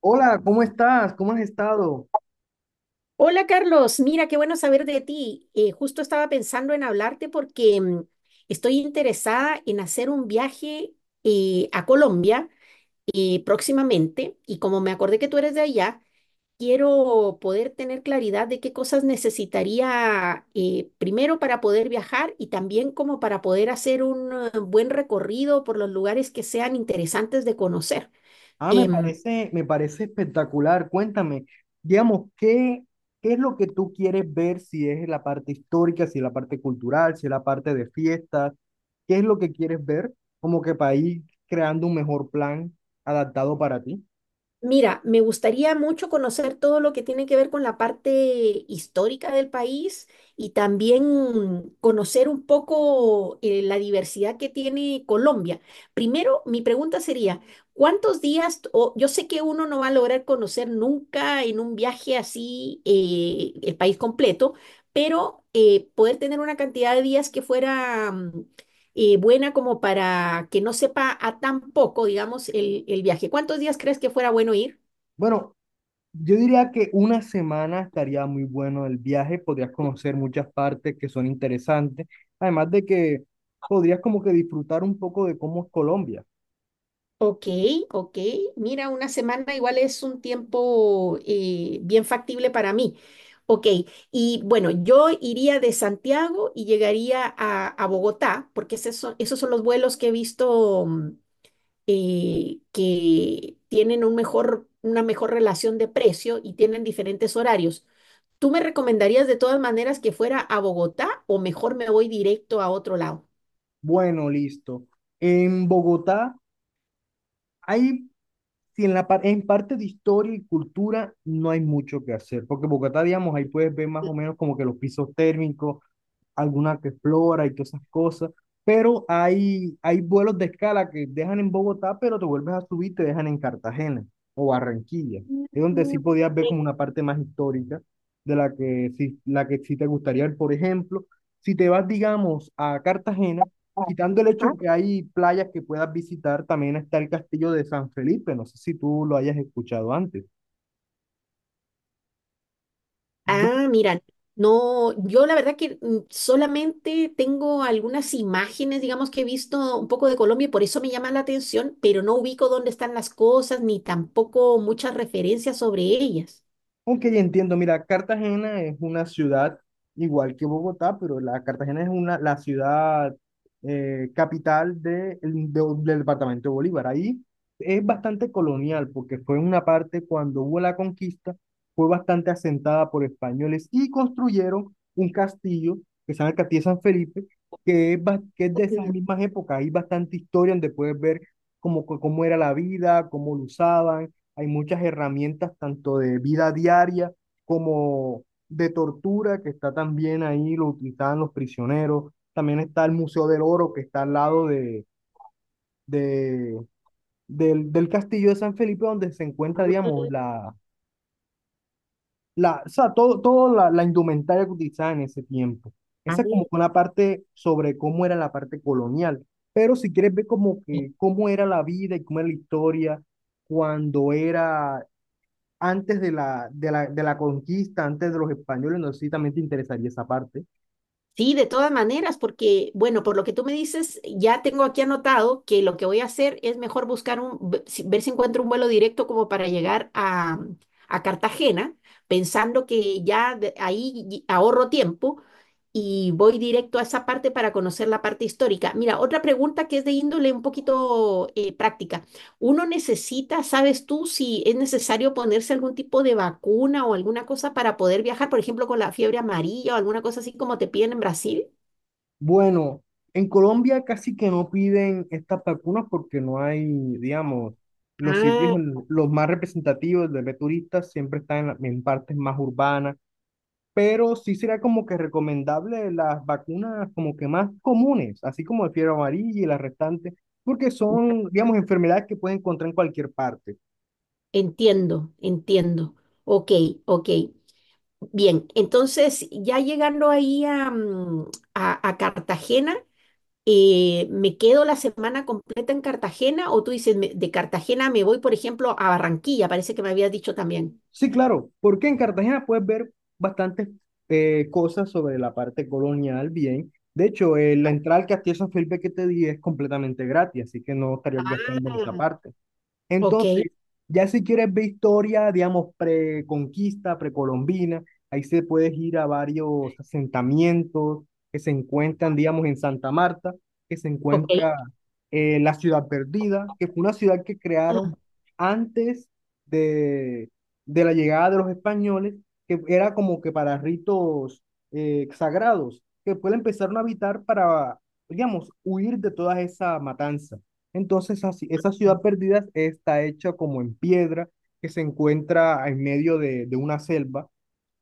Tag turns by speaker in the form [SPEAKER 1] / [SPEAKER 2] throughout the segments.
[SPEAKER 1] Hola, ¿cómo estás? ¿Cómo has estado?
[SPEAKER 2] Hola Carlos, mira, qué bueno saber de ti. Justo estaba pensando en hablarte porque estoy interesada en hacer un viaje a Colombia próximamente y como me acordé que tú eres de allá, quiero poder tener claridad de qué cosas necesitaría primero para poder viajar y también como para poder hacer un buen recorrido por los lugares que sean interesantes de conocer.
[SPEAKER 1] Ah, me
[SPEAKER 2] Em,
[SPEAKER 1] parece, me parece espectacular. Cuéntame, digamos, ¿qué es lo que tú quieres ver? Si es la parte histórica, si es la parte cultural, si es la parte de fiestas, ¿qué es lo que quieres ver? Como que para ir creando un mejor plan adaptado para ti.
[SPEAKER 2] Mira, me gustaría mucho conocer todo lo que tiene que ver con la parte histórica del país y también conocer un poco la diversidad que tiene Colombia. Primero, mi pregunta sería, ¿cuántos días, o yo sé que uno no va a lograr conocer nunca en un viaje así el país completo, pero poder tener una cantidad de días que fuera buena como para que no sepa a tan poco, digamos, el viaje. ¿Cuántos días crees que fuera bueno ir?
[SPEAKER 1] Bueno, yo diría que una semana estaría muy bueno el viaje, podrías conocer muchas partes que son interesantes, además de que podrías como que disfrutar un poco de cómo es Colombia.
[SPEAKER 2] Ok, ok. Mira, una semana igual es un tiempo bien factible para mí. Ok, y bueno, yo iría de Santiago y llegaría a Bogotá, porque esos son los vuelos que he visto, que tienen un mejor, una mejor relación de precio y tienen diferentes horarios. ¿Tú me recomendarías de todas maneras que fuera a Bogotá o mejor me voy directo a otro lado?
[SPEAKER 1] Bueno, listo. En Bogotá hay, si en parte de historia y cultura no hay mucho que hacer, porque Bogotá, digamos, ahí puedes ver más o menos como que los pisos térmicos, alguna que explora y todas esas cosas, pero hay vuelos de escala que dejan en Bogotá, pero te vuelves a subir y te dejan en Cartagena o Barranquilla.
[SPEAKER 2] Mm,
[SPEAKER 1] Es donde sí podías ver
[SPEAKER 2] sí,
[SPEAKER 1] como una parte más histórica de la que sí te gustaría ver. Por ejemplo, si te vas, digamos, a Cartagena,
[SPEAKER 2] ah,
[SPEAKER 1] quitando el
[SPEAKER 2] ajá.
[SPEAKER 1] hecho que hay playas que puedas visitar, también está el Castillo de San Felipe, no sé si tú lo hayas escuchado antes.
[SPEAKER 2] Ah, mira, no, yo la verdad que solamente tengo algunas imágenes, digamos, que he visto un poco de Colombia y por eso me llama la atención, pero no ubico dónde están las cosas ni tampoco muchas referencias sobre ellas.
[SPEAKER 1] Ok, entiendo. Mira, Cartagena es una ciudad igual que Bogotá, pero la Cartagena es la ciudad, capital del departamento de Bolívar. Ahí es bastante colonial, porque fue una parte cuando hubo la conquista, fue bastante asentada por españoles y construyeron un castillo que se llama el Castillo de San Felipe, que es de esas
[SPEAKER 2] Mm,
[SPEAKER 1] mismas épocas. Hay bastante historia donde puedes ver cómo era la vida, cómo lo usaban. Hay muchas herramientas, tanto de vida diaria como de tortura, que está también ahí, lo utilizaban los prisioneros. También está el Museo del Oro, que está al lado de- del Castillo de San Felipe, donde se encuentra, digamos, o sea, todo la indumentaria que utilizaban en ese tiempo.
[SPEAKER 2] ah,
[SPEAKER 1] Esa es como una parte sobre cómo era la parte colonial. Pero si quieres ver como que cómo era la vida y cómo era la historia cuando era antes de la conquista, antes de los españoles, no sé si también te interesaría esa parte.
[SPEAKER 2] sí, de todas maneras, porque, bueno, por lo que tú me dices, ya tengo aquí anotado que lo que voy a hacer es mejor buscar un, ver si encuentro un vuelo directo como para llegar a Cartagena, pensando que ya ahí ahorro tiempo y voy directo a esa parte para conocer la parte histórica. Mira, otra pregunta que es de índole un poquito práctica. Uno necesita, ¿sabes tú si es necesario ponerse algún tipo de vacuna o alguna cosa para poder viajar, por ejemplo, con la fiebre amarilla o alguna cosa así como te piden en Brasil?
[SPEAKER 1] Bueno, en Colombia casi que no piden estas vacunas porque no hay, digamos, los sitios,
[SPEAKER 2] Ah,
[SPEAKER 1] los más representativos de turistas siempre están en partes más urbanas, pero sí será como que recomendable las vacunas como que más comunes, así como el fiebre amarilla y las restantes, porque son, digamos, enfermedades que pueden encontrar en cualquier parte.
[SPEAKER 2] entiendo, entiendo. Ok, ok. Bien, entonces ya llegando ahí a, mm, a Cartagena, ¿me quedo la semana completa en Cartagena o tú dices, de Cartagena me voy, por ejemplo, a Barranquilla? Parece que me habías dicho también.
[SPEAKER 1] Sí, claro, porque en Cartagena puedes ver bastantes cosas sobre la parte colonial, bien. De hecho, la entrada al Castillo San Felipe que te di es completamente gratis, así que no estarías gastando en
[SPEAKER 2] Ah.
[SPEAKER 1] esa parte.
[SPEAKER 2] Ok,
[SPEAKER 1] Entonces, ya si quieres ver historia, digamos, preconquista, precolombina, ahí se puedes ir a varios asentamientos que se encuentran, digamos, en Santa Marta, que se
[SPEAKER 2] ok.
[SPEAKER 1] encuentra la ciudad perdida, que fue una ciudad que crearon antes de, de la llegada de los españoles, que era como que para ritos sagrados, que después la empezaron a habitar para, digamos, huir de todas esa matanza. Entonces, esa ciudad perdida está hecha como en piedra, que se encuentra en medio de una selva.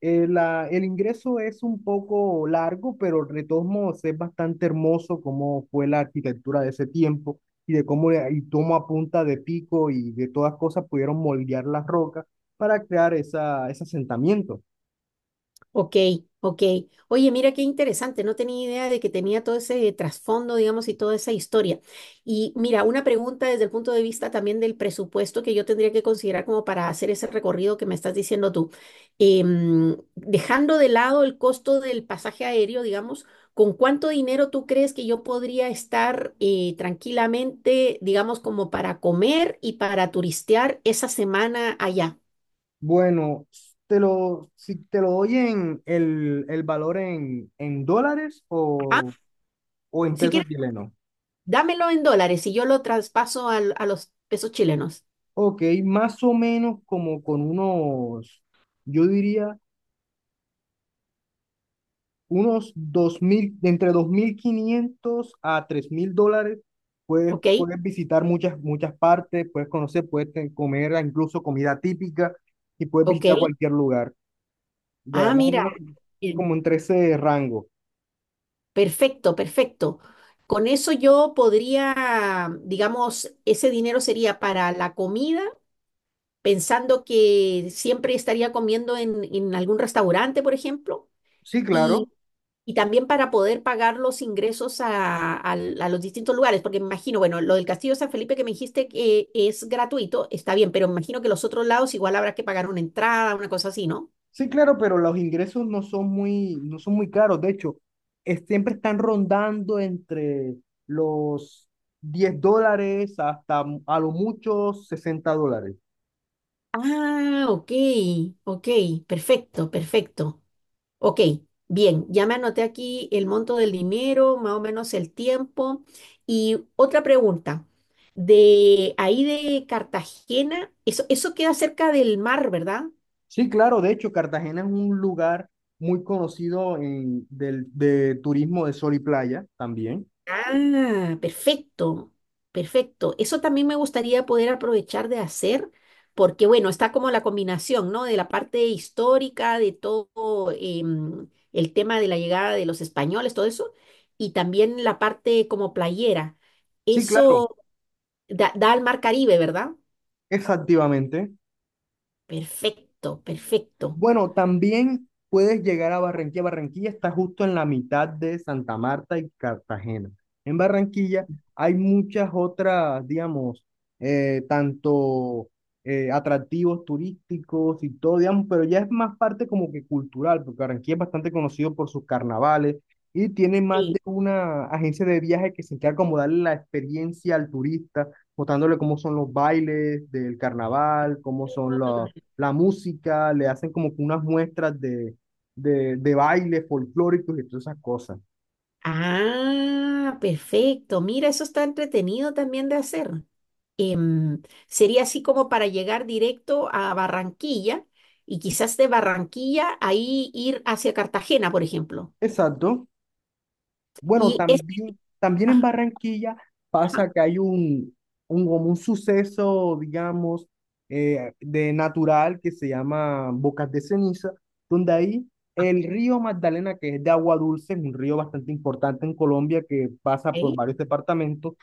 [SPEAKER 1] El ingreso es un poco largo, pero de todos modos es bastante hermoso cómo fue la arquitectura de ese tiempo y de cómo, le- y cómo a punta de pico y de todas cosas pudieron moldear las rocas para crear ese asentamiento.
[SPEAKER 2] Ok, ok. Oye, mira qué interesante, no tenía idea de que tenía todo ese trasfondo, digamos, y toda esa historia. Y mira, una pregunta desde el punto de vista también del presupuesto que yo tendría que considerar como para hacer ese recorrido que me estás diciendo tú. Dejando de lado el costo del pasaje aéreo, digamos, ¿con cuánto dinero tú crees que yo podría estar tranquilamente, digamos, como para comer y para turistear esa semana allá?
[SPEAKER 1] Bueno, si te lo doy en el valor en dólares
[SPEAKER 2] Ajá.
[SPEAKER 1] o en
[SPEAKER 2] Si
[SPEAKER 1] pesos
[SPEAKER 2] quieres
[SPEAKER 1] chilenos.
[SPEAKER 2] dámelo en dólares y yo lo traspaso a los pesos chilenos.
[SPEAKER 1] Ok, más o menos como con unos, yo diría, unos 2.000, de entre 2.500 a $3.000, puedes,
[SPEAKER 2] ¿Ok?
[SPEAKER 1] puedes visitar muchas partes, puedes conocer, comer incluso comida típica y puedes
[SPEAKER 2] ¿Ok?
[SPEAKER 1] visitar cualquier lugar. Ya,
[SPEAKER 2] Ah,
[SPEAKER 1] más o
[SPEAKER 2] mira,
[SPEAKER 1] menos
[SPEAKER 2] bien.
[SPEAKER 1] como entre ese rango.
[SPEAKER 2] Perfecto, perfecto. Con eso yo podría, digamos, ese dinero sería para la comida, pensando que siempre estaría comiendo en algún restaurante, por ejemplo.
[SPEAKER 1] Sí,
[SPEAKER 2] Y,
[SPEAKER 1] claro.
[SPEAKER 2] y también para poder pagar los ingresos a, a los distintos lugares, porque me imagino, bueno, lo del Castillo de San Felipe que me dijiste que es gratuito, está bien, pero me imagino que los otros lados igual habrá que pagar una entrada, una cosa así, ¿no?
[SPEAKER 1] Sí, claro, pero los ingresos no son muy caros. De hecho, siempre están rondando entre los $10 hasta a lo mucho $60.
[SPEAKER 2] Ah, ok, ok, perfecto, perfecto. Ok, bien, ya me anoté aquí el monto del dinero, más o menos el tiempo. Y otra pregunta, de ahí de Cartagena, eso queda cerca del mar, ¿verdad?
[SPEAKER 1] Sí, claro, de hecho, Cartagena es un lugar muy conocido de turismo de sol y playa también.
[SPEAKER 2] Ah, perfecto, perfecto. Eso también me gustaría poder aprovechar de hacer, porque bueno, está como la combinación, ¿no? De la parte histórica, de todo el tema de la llegada de los españoles, todo eso, y también la parte como playera.
[SPEAKER 1] Sí, claro,
[SPEAKER 2] Eso da, da al mar Caribe, ¿verdad?
[SPEAKER 1] exactamente.
[SPEAKER 2] Perfecto, perfecto.
[SPEAKER 1] Bueno, también puedes llegar a Barranquilla. Barranquilla está justo en la mitad de Santa Marta y Cartagena. En Barranquilla hay muchas otras, digamos, tanto atractivos turísticos y todo, digamos, pero ya es más parte como que cultural, porque Barranquilla es bastante conocido por sus carnavales y tiene más
[SPEAKER 2] Sí.
[SPEAKER 1] de una agencia de viaje que se encarga como darle la experiencia al turista, mostrándole cómo son los bailes del carnaval, cómo son los la música, le hacen como que unas muestras de baile folclóricos y todas esas cosas.
[SPEAKER 2] Ah, perfecto. Mira, eso está entretenido también de hacer. em, Sería así como para llegar directo a Barranquilla y quizás de Barranquilla ahí ir hacia Cartagena, por ejemplo.
[SPEAKER 1] Exacto. Bueno,
[SPEAKER 2] Y es...
[SPEAKER 1] también en
[SPEAKER 2] ajá,
[SPEAKER 1] Barranquilla
[SPEAKER 2] ajá,
[SPEAKER 1] pasa que hay como un suceso, digamos, de natural que se llama Bocas de Ceniza, donde ahí el río Magdalena, que es de agua dulce, es un río bastante importante en Colombia que pasa por
[SPEAKER 2] ahí.
[SPEAKER 1] varios departamentos,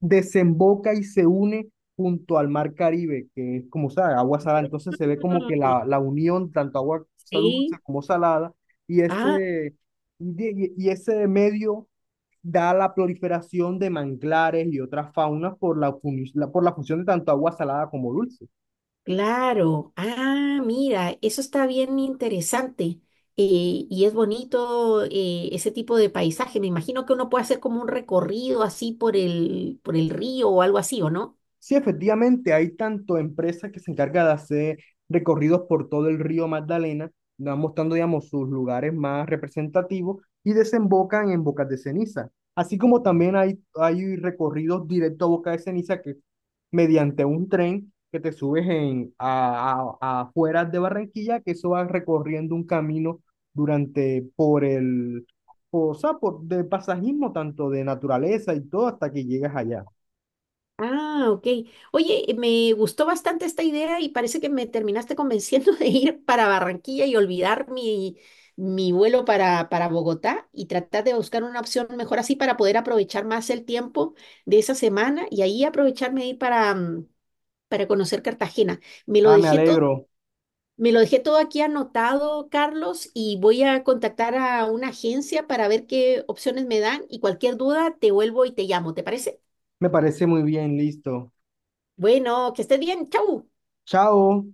[SPEAKER 1] desemboca y se une junto al mar Caribe, que es como, sabe, agua salada. Entonces se ve como que
[SPEAKER 2] Mm,
[SPEAKER 1] la unión, tanto agua dulce
[SPEAKER 2] sí.
[SPEAKER 1] como salada, y
[SPEAKER 2] Ah,
[SPEAKER 1] ese medio da la proliferación de manglares y otras faunas por la función de tanto agua salada como dulce.
[SPEAKER 2] claro. Ah, mira, eso está bien interesante. Y es bonito ese tipo de paisaje. Me imagino que uno puede hacer como un recorrido así por el río o algo así, ¿o no?
[SPEAKER 1] Sí, efectivamente, hay tanto empresas que se encargan de hacer recorridos por todo el río Magdalena, van mostrando, digamos, sus lugares más representativos y desembocan en Bocas de Ceniza. Así como también hay recorridos directo a Bocas de Ceniza que mediante un tren que te subes a afueras de Barranquilla, que eso va recorriendo un camino durante, por el, o sea, por, de pasajismo, tanto de naturaleza y todo, hasta que llegas allá.
[SPEAKER 2] Ah, ok. Oye, me gustó bastante esta idea y parece que me terminaste convenciendo de ir para Barranquilla y olvidar mi, mi vuelo para Bogotá y tratar de buscar una opción mejor así para poder aprovechar más el tiempo de esa semana y ahí aprovecharme de ir para, mm, para conocer Cartagena. Me lo
[SPEAKER 1] Ah, me
[SPEAKER 2] dejé todo,
[SPEAKER 1] alegro.
[SPEAKER 2] me lo dejé todo aquí anotado, Carlos, y voy a contactar a una agencia para ver qué opciones me dan y cualquier duda te vuelvo y te llamo, ¿te parece?
[SPEAKER 1] Me parece muy bien, listo.
[SPEAKER 2] Bueno, que estés bien, chau.
[SPEAKER 1] Chao.